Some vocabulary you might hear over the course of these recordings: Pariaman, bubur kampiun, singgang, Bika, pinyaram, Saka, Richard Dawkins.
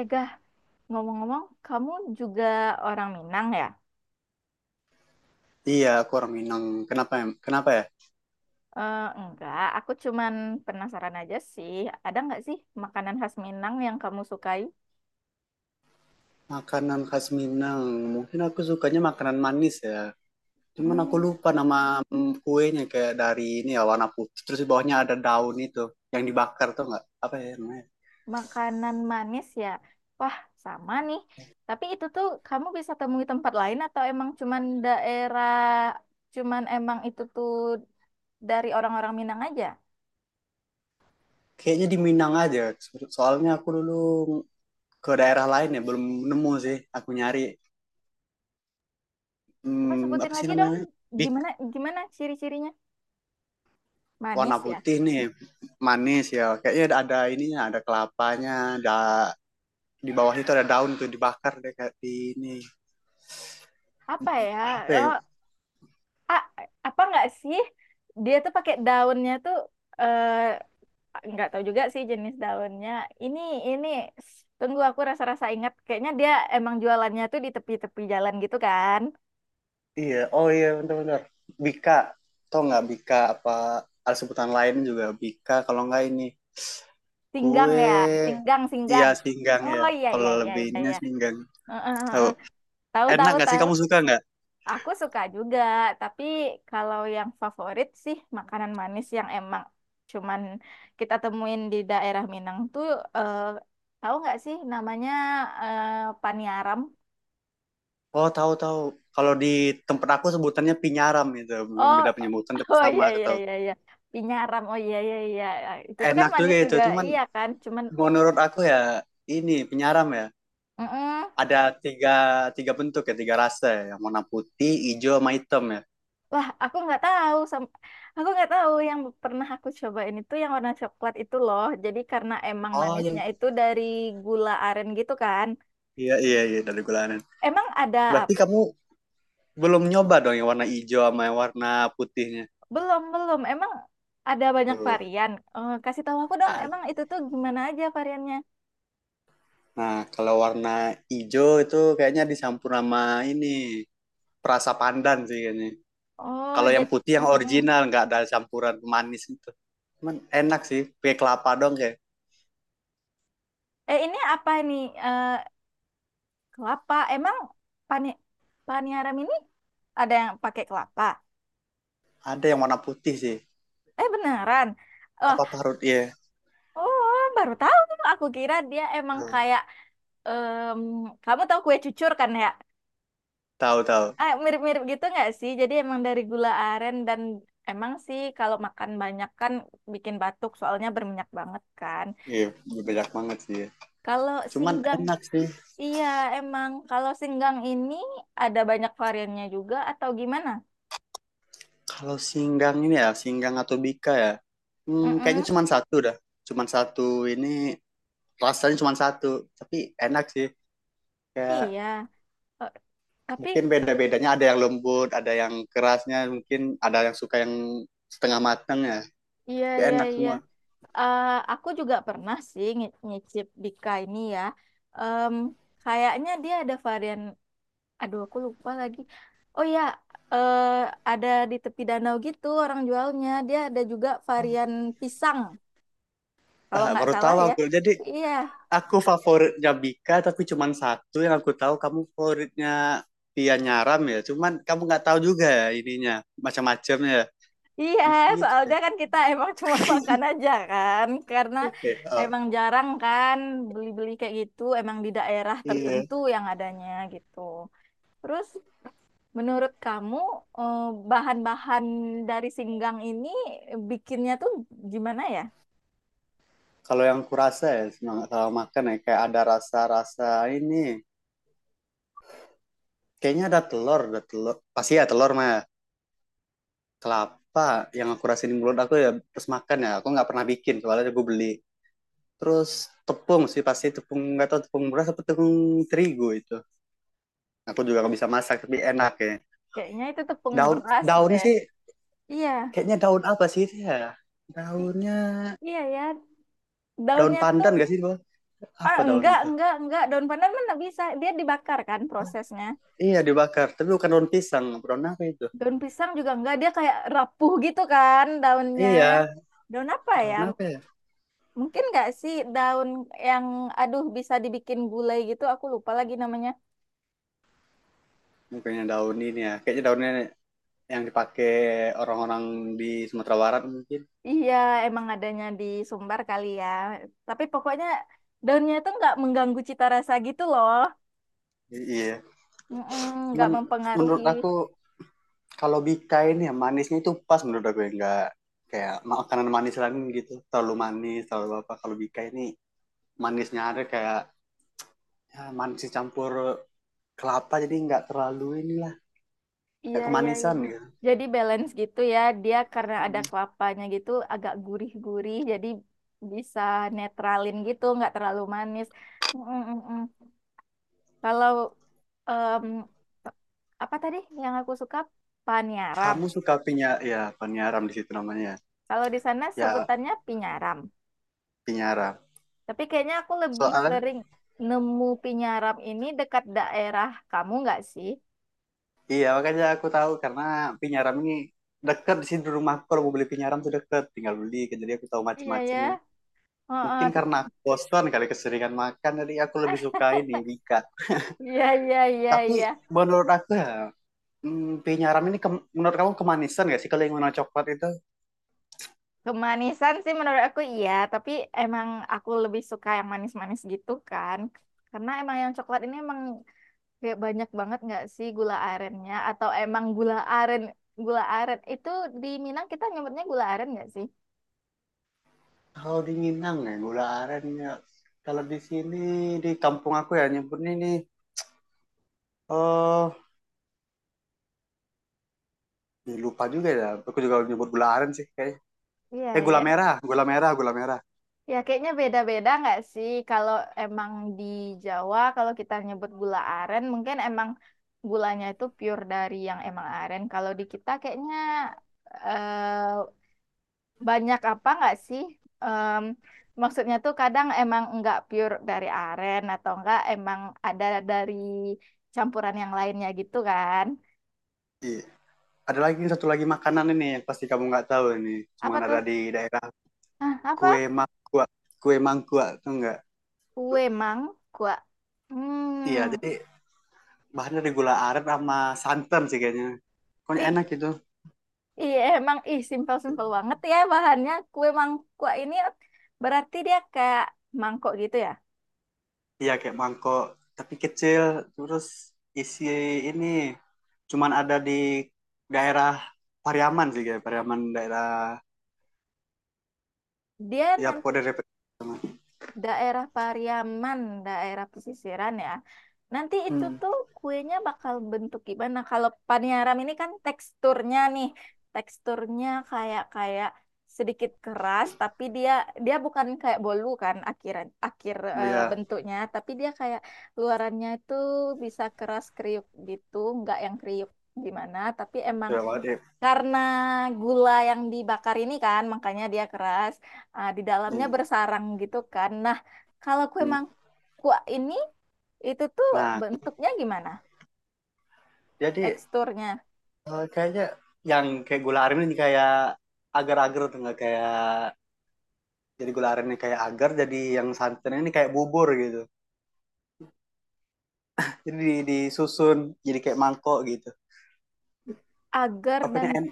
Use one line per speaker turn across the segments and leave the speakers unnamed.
Ega, ngomong-ngomong, kamu juga orang Minang ya?
Iya, aku orang Minang. Kenapa ya? Kenapa ya?
Eh, enggak, aku cuman penasaran aja sih. Ada nggak sih makanan khas Minang yang kamu sukai?
Makanan khas Minang. Mungkin aku sukanya makanan manis ya. Cuman aku
Hmm,
lupa nama kuenya kayak dari ini ya warna putih. Terus di bawahnya ada daun itu yang dibakar tuh nggak? Apa ya namanya?
makanan manis ya? Wah, sama nih. Tapi itu tuh kamu bisa temui tempat lain atau emang cuman daerah, cuman emang itu tuh dari orang-orang Minang aja?
Kayaknya di Minang aja. Soalnya aku dulu ke daerah lain ya belum nemu sih. Aku nyari
Apa sebutin
apa sih
lagi dong,
namanya? Bik
gimana gimana ciri-cirinya?
warna
Manis ya?
putih nih manis ya. Kayaknya ada ininya, ada kelapanya, ada di bawahnya itu ada daun tuh dibakar deh kayak di ini
Apa ya?
apa ya?
Oh, ah, apa nggak sih dia tuh pakai daunnya tuh, eh nggak tahu juga sih jenis daunnya ini ini tunggu, aku rasa-rasa ingat kayaknya dia emang jualannya tuh di tepi-tepi jalan gitu kan.
Iya, oh iya bener-bener. Bika, tau nggak Bika apa ada sebutan lain juga Bika kalau nggak ini
Singgang
kue
ya. Singgang
iya
singgang.
singgang ya.
Oh iya iya
Kalau
iya iya
lebihnya
iya.
singgang.
Heeh, heeh,
Tahu.
heeh. Tahu
Enak
tahu
nggak sih
tahu.
kamu suka nggak?
Aku suka juga, tapi kalau yang favorit sih makanan manis yang emang cuman kita temuin di daerah Minang tuh, eh, tahu nggak sih namanya, eh, paniaram?
Oh, tahu tahu. Kalau di tempat aku sebutannya pinyaram gitu. Belum
Oh,
beda penyebutan tapi
oh
sama
iya iya
gitu.
iya iya. Pinyaram. Oh iya iya iya. Itu tuh kan
Enak juga
manis
itu,
juga,
cuman
iya kan? Cuman
menurut aku ya ini pinyaram ya.
mm-mm.
Ada tiga tiga bentuk ya, tiga rasa ya. Yang warna putih, hijau, sama hitam ya.
Wah, aku nggak tahu sam- aku nggak tahu, yang pernah aku cobain itu yang warna coklat itu loh. Jadi karena emang
Oh iya.
manisnya itu dari gula aren gitu kan.
Iya, iya, iya, dari gulana.
Emang ada
Berarti
apa?
kamu belum nyoba dong yang warna hijau sama yang warna putihnya.
Belum, belum. Emang ada banyak
Tuh.
varian. Eh, kasih tahu aku dong,
Ah,
emang itu tuh gimana aja variannya?
nah, kalau warna hijau itu kayaknya dicampur sama ini perasa pandan sih kayaknya.
Oh,
Kalau yang
jadi
putih yang
mm-mm.
original nggak ada campuran manis itu. Cuman enak sih, pakai kelapa dong kayak.
Eh, ini apa nih? Eh, kelapa. Emang pani paniharam ini ada yang pakai kelapa?
Ada yang warna putih sih,
Eh, beneran. Oh,
apa parut ya.
oh, baru tahu. Aku kira dia emang kayak em, kamu tahu kue cucur kan ya?
Tahu tahu.
Ah, mirip-mirip gitu nggak sih? Jadi emang dari gula aren dan emang sih kalau makan banyak kan bikin batuk soalnya berminyak banget kan.
Iya, banyak banget sih, ya.
Kalau
Cuman
singgang,
enak sih
iya emang kalau singgang ini ada banyak variannya juga atau gimana?
kalau singgang ini ya, singgang atau bika ya. Hmm, kayaknya
Mm-mm,
cuman satu dah. Cuman satu ini rasanya cuma satu tapi enak sih kayak
iya. Eh, tapi
mungkin beda-bedanya ada yang lembut ada yang kerasnya mungkin ada yang suka yang setengah matang ya
iya
tapi
iya
enak
iya.
semua.
Eh, aku juga pernah sih ngi- nyicip Bika ini ya. Em, Kayaknya dia ada varian. Aduh, aku lupa lagi. Oh ya, eh, ada di tepi danau gitu orang jualnya. Dia ada juga varian pisang, kalau
Ah,
nggak
baru
salah
tahu
ya.
aku jadi
Iya,
aku favoritnya Bika tapi cuma satu yang aku tahu kamu favoritnya Tia Nyaram ya cuman kamu nggak tahu juga ya ininya macam-macamnya ya.
iya.
Bisa gitu ya.
Soalnya kan kita emang cuma makan aja kan, karena
Oke, oh,
emang jarang kan beli-beli kayak gitu. Emang di daerah
iya
tertentu yang adanya gitu. Terus menurut kamu, eh, bahan-bahan dari singgang ini bikinnya tuh gimana ya?
kalau yang kurasa ya semangat sama makan ya kayak ada rasa-rasa ini kayaknya ada telur pasti ya telur mah kelapa yang aku rasain di mulut aku ya terus makan ya aku nggak pernah bikin soalnya gue beli terus tepung sih pasti tepung nggak tahu tepung beras atau tepung terigu itu aku juga nggak bisa masak tapi enak ya.
Kayaknya itu tepung
Daun
beras
daunnya
deh.
sih
Iya.
kayaknya daun apa sih itu ya daunnya
Iya ya,
daun
daunnya tuh
pandan gak sih bang
ah,
apa daun itu
enggak enggak, daun pandan mana bisa dia dibakar kan prosesnya.
iya dibakar tapi bukan daun pisang daun apa itu
Daun pisang juga enggak, dia kayak rapuh gitu kan daunnya.
iya
Daun apa ya?
daun apa ya
Mungkin enggak sih daun yang aduh bisa dibikin gulai gitu, aku lupa lagi namanya.
mungkinnya daun ini ya kayaknya daunnya yang dipakai orang-orang di Sumatera Barat mungkin
Iya, emang adanya di Sumbar kali ya. Tapi pokoknya daunnya tuh enggak mengganggu cita rasa gitu loh.
iya.
Mm-mm, enggak
Men-
mempengaruhi.
Menurut aku kalau Bika ini ya manisnya itu pas menurut aku ya nggak kayak makanan manis lain gitu terlalu manis terlalu apa kalau Bika ini manisnya ada kayak ya, manis campur kelapa jadi nggak terlalu inilah
Iya,
nggak
iya, iya.
kemanisan ya.
Jadi balance gitu ya. Dia karena ada kelapanya gitu agak gurih-gurih jadi bisa netralin gitu, nggak terlalu manis. Mm, mm, mm, mm. Kalau em, apa tadi yang aku suka, panyaram.
Kamu suka pinya ya penyaram di situ namanya
Kalau di sana
ya
sebutannya pinyaram.
pinyaram
Tapi kayaknya aku lebih
soalnya
sering nemu pinyaram ini dekat daerah kamu nggak sih?
iya makanya aku tahu karena pinyaram ini dekat di sini di rumahku kalau mau beli pinyaram tuh dekat tinggal beli kan. Jadi aku tahu
Iya ya.
macam-macamnya.
Heeh.
Mungkin karena aku bosan kali keseringan makan, jadi aku lebih
Ah,
suka ini Wika.
iya iya iya
Tapi
iya.
menurut aku ya, hmm, penyaram ini menurut kamu kemanisan gak sih kalau yang warna coklat itu?
Kemanisan sih menurut aku iya, tapi emang aku lebih suka yang manis-manis gitu kan. Karena emang yang coklat ini emang kayak banyak banget nggak sih gula arennya, atau emang gula aren itu di Minang kita nyebutnya gula aren nggak sih?
Kalau di Minang ya gula aren ya. Kalau di sini di kampung aku ya nyebutnya ini oh ih, lupa juga ya. Aku juga nyebut gula aren sih kayaknya.
Iya
Eh, gula
ya.
merah, gula merah.
Ya kayaknya beda-beda nggak sih, kalau emang di Jawa kalau kita nyebut gula aren mungkin emang gulanya itu pure dari yang emang aren. Kalau di kita kayaknya eh banyak apa nggak sih? Em, maksudnya tuh kadang emang nggak pure dari aren, atau enggak emang ada dari campuran yang lainnya gitu kan?
Iya. Ada lagi satu lagi makanan ini yang pasti kamu nggak tahu ini, cuma
Apa
ada
tuh?
di daerah
Hah,
kue
apa?
mangkuak. Kue mangkuak tuh nggak
Kue mangkuk.
iya,
Hmm,
jadi bahannya dari gula aren sama santan sih kayaknya. Pokoknya
ih,
enak gitu.
iya emang ih simpel-simpel banget ya bahannya. Kue mangkuk ini berarti dia kayak mangkok gitu ya?
Iya kayak mangkok, tapi kecil. Terus isi ini cuman ada di daerah Pariaman sih kayak Pariaman daerah
Dia
ya
nan-
pokoknya dari Pariaman.
daerah Pariaman, daerah pesisiran ya. Nanti itu
Hmm.
tuh kuenya bakal bentuk gimana? Kalau paniaram ini kan teksturnya nih, teksturnya kayak kayak sedikit keras, tapi dia dia bukan kayak bolu kan akhiran akhir eh,
Iya,
bentuknya, tapi dia kayak luarannya itu bisa keras kriuk gitu, nggak yang kriuk gimana, tapi emang
sudah banget ya.
karena gula yang dibakar ini kan, makanya dia keras. Ah, di dalamnya
Hmm.
bersarang gitu kan. Nah, kalau kue
Hmm.
mangkuk ini, itu tuh
Nah,
bentuknya gimana?
jadi
Teksturnya.
eh, kayaknya yang kayak gula aren ini kayak agar-agar tuh nggak kayak jadi gula arennya kayak agar, jadi yang santannya ini kayak bubur gitu. Jadi disusun jadi kayak mangkok gitu.
Agar
Apanya
dan...
en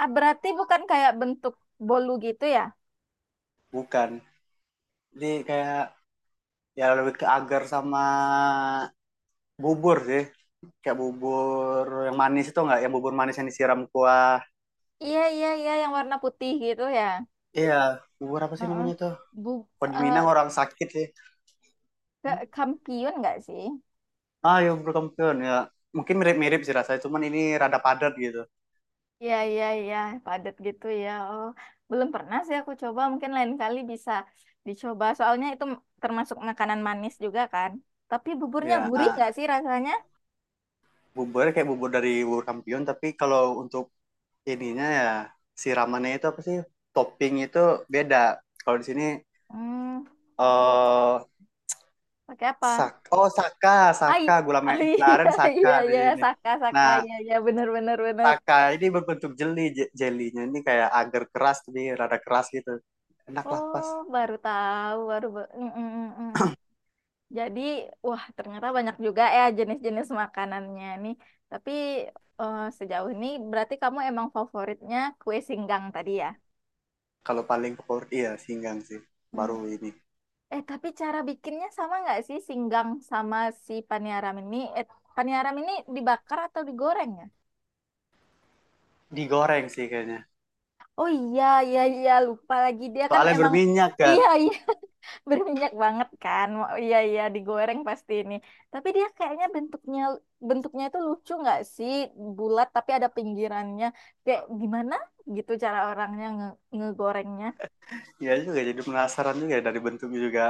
Ah, berarti bukan kayak bentuk bolu gitu ya?
bukan. Jadi kayak ya lebih ke agar sama bubur sih. Kayak bubur yang manis itu enggak, yang bubur manis yang disiram kuah.
Iya, iya, iya. Yang warna putih gitu ya.
Iya, bubur apa sih
Heeh.
namanya tuh?
Bu,
Kalau di Minang
eh,
orang sakit sih.
ke- kampiun nggak sih?
Ah, ya bubur kampiun ya. Mungkin mirip-mirip sih rasanya, cuman ini rada padat gitu.
Iya, iya, iya, padat gitu ya. Oh, belum pernah sih aku coba. Mungkin lain kali bisa dicoba. Soalnya itu termasuk makanan manis juga kan. Tapi buburnya
Ya,
gurih nggak
ah,
sih rasanya?
buburnya kayak bubur dari bubur kampiun, tapi kalau untuk ininya ya siramannya itu apa sih? Topping itu beda. Kalau di sini
Hmm,
eh
pakai apa?
Sak oh Saka,
Ai,
Saka gula
oh,
gula aren
iya,
Saka
iya,
ada
iya,
jadi ini.
saka, saka,
Nah,
iya, iya, bener, bener, bener.
Saka ini berbentuk jeli, jelinya ini kayak agar keras tapi rada keras gitu. Enak lah pas.
Oh, baru tahu, baru. Ba- mm, mm, mm, mm, mm. Jadi, wah, ternyata banyak juga ya jenis-jenis makanannya nih. Tapi eh, sejauh ini berarti kamu emang favoritnya kue singgang tadi ya?
Kalau paling favorit iya singgang sih.
Hmm.
Baru ini
Eh, tapi cara bikinnya sama nggak sih singgang sama si paniaram ini? Eh, paniaram ini dibakar atau digoreng ya?
digoreng sih kayaknya.
Oh iya, iya, iya, lupa lagi. Dia kan
Soalnya
emang,
berminyak kan.
iya, iya, berminyak banget kan. Wah, iya, iya, digoreng pasti ini. Tapi dia kayaknya bentuknya, bentuknya itu lucu nggak sih? Bulat tapi ada pinggirannya. Kayak gimana gitu cara orangnya nge ngegorengnya?
Iya juga jadi penasaran juga dari bentuknya juga.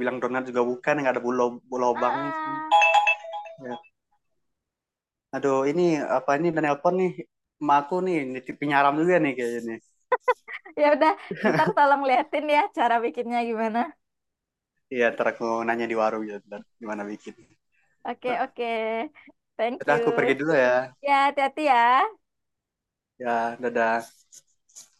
Bilang donat juga bukan nggak ada bulu lubangnya cuman.
Ah, ah.
Ya. Aduh ini apa ini dan nelpon nih. Emak aku nih nitip penyaram juga nih kayaknya nih.
Ya udah, ntar tolong liatin ya cara bikinnya gimana.
Iya, ntar aku nanya di warung ya, ntar gimana bikin.
Oke, oke. Thank
Udah
you.
aku pergi dulu ya.
Ya, hati-hati ya.
Ya, dadah.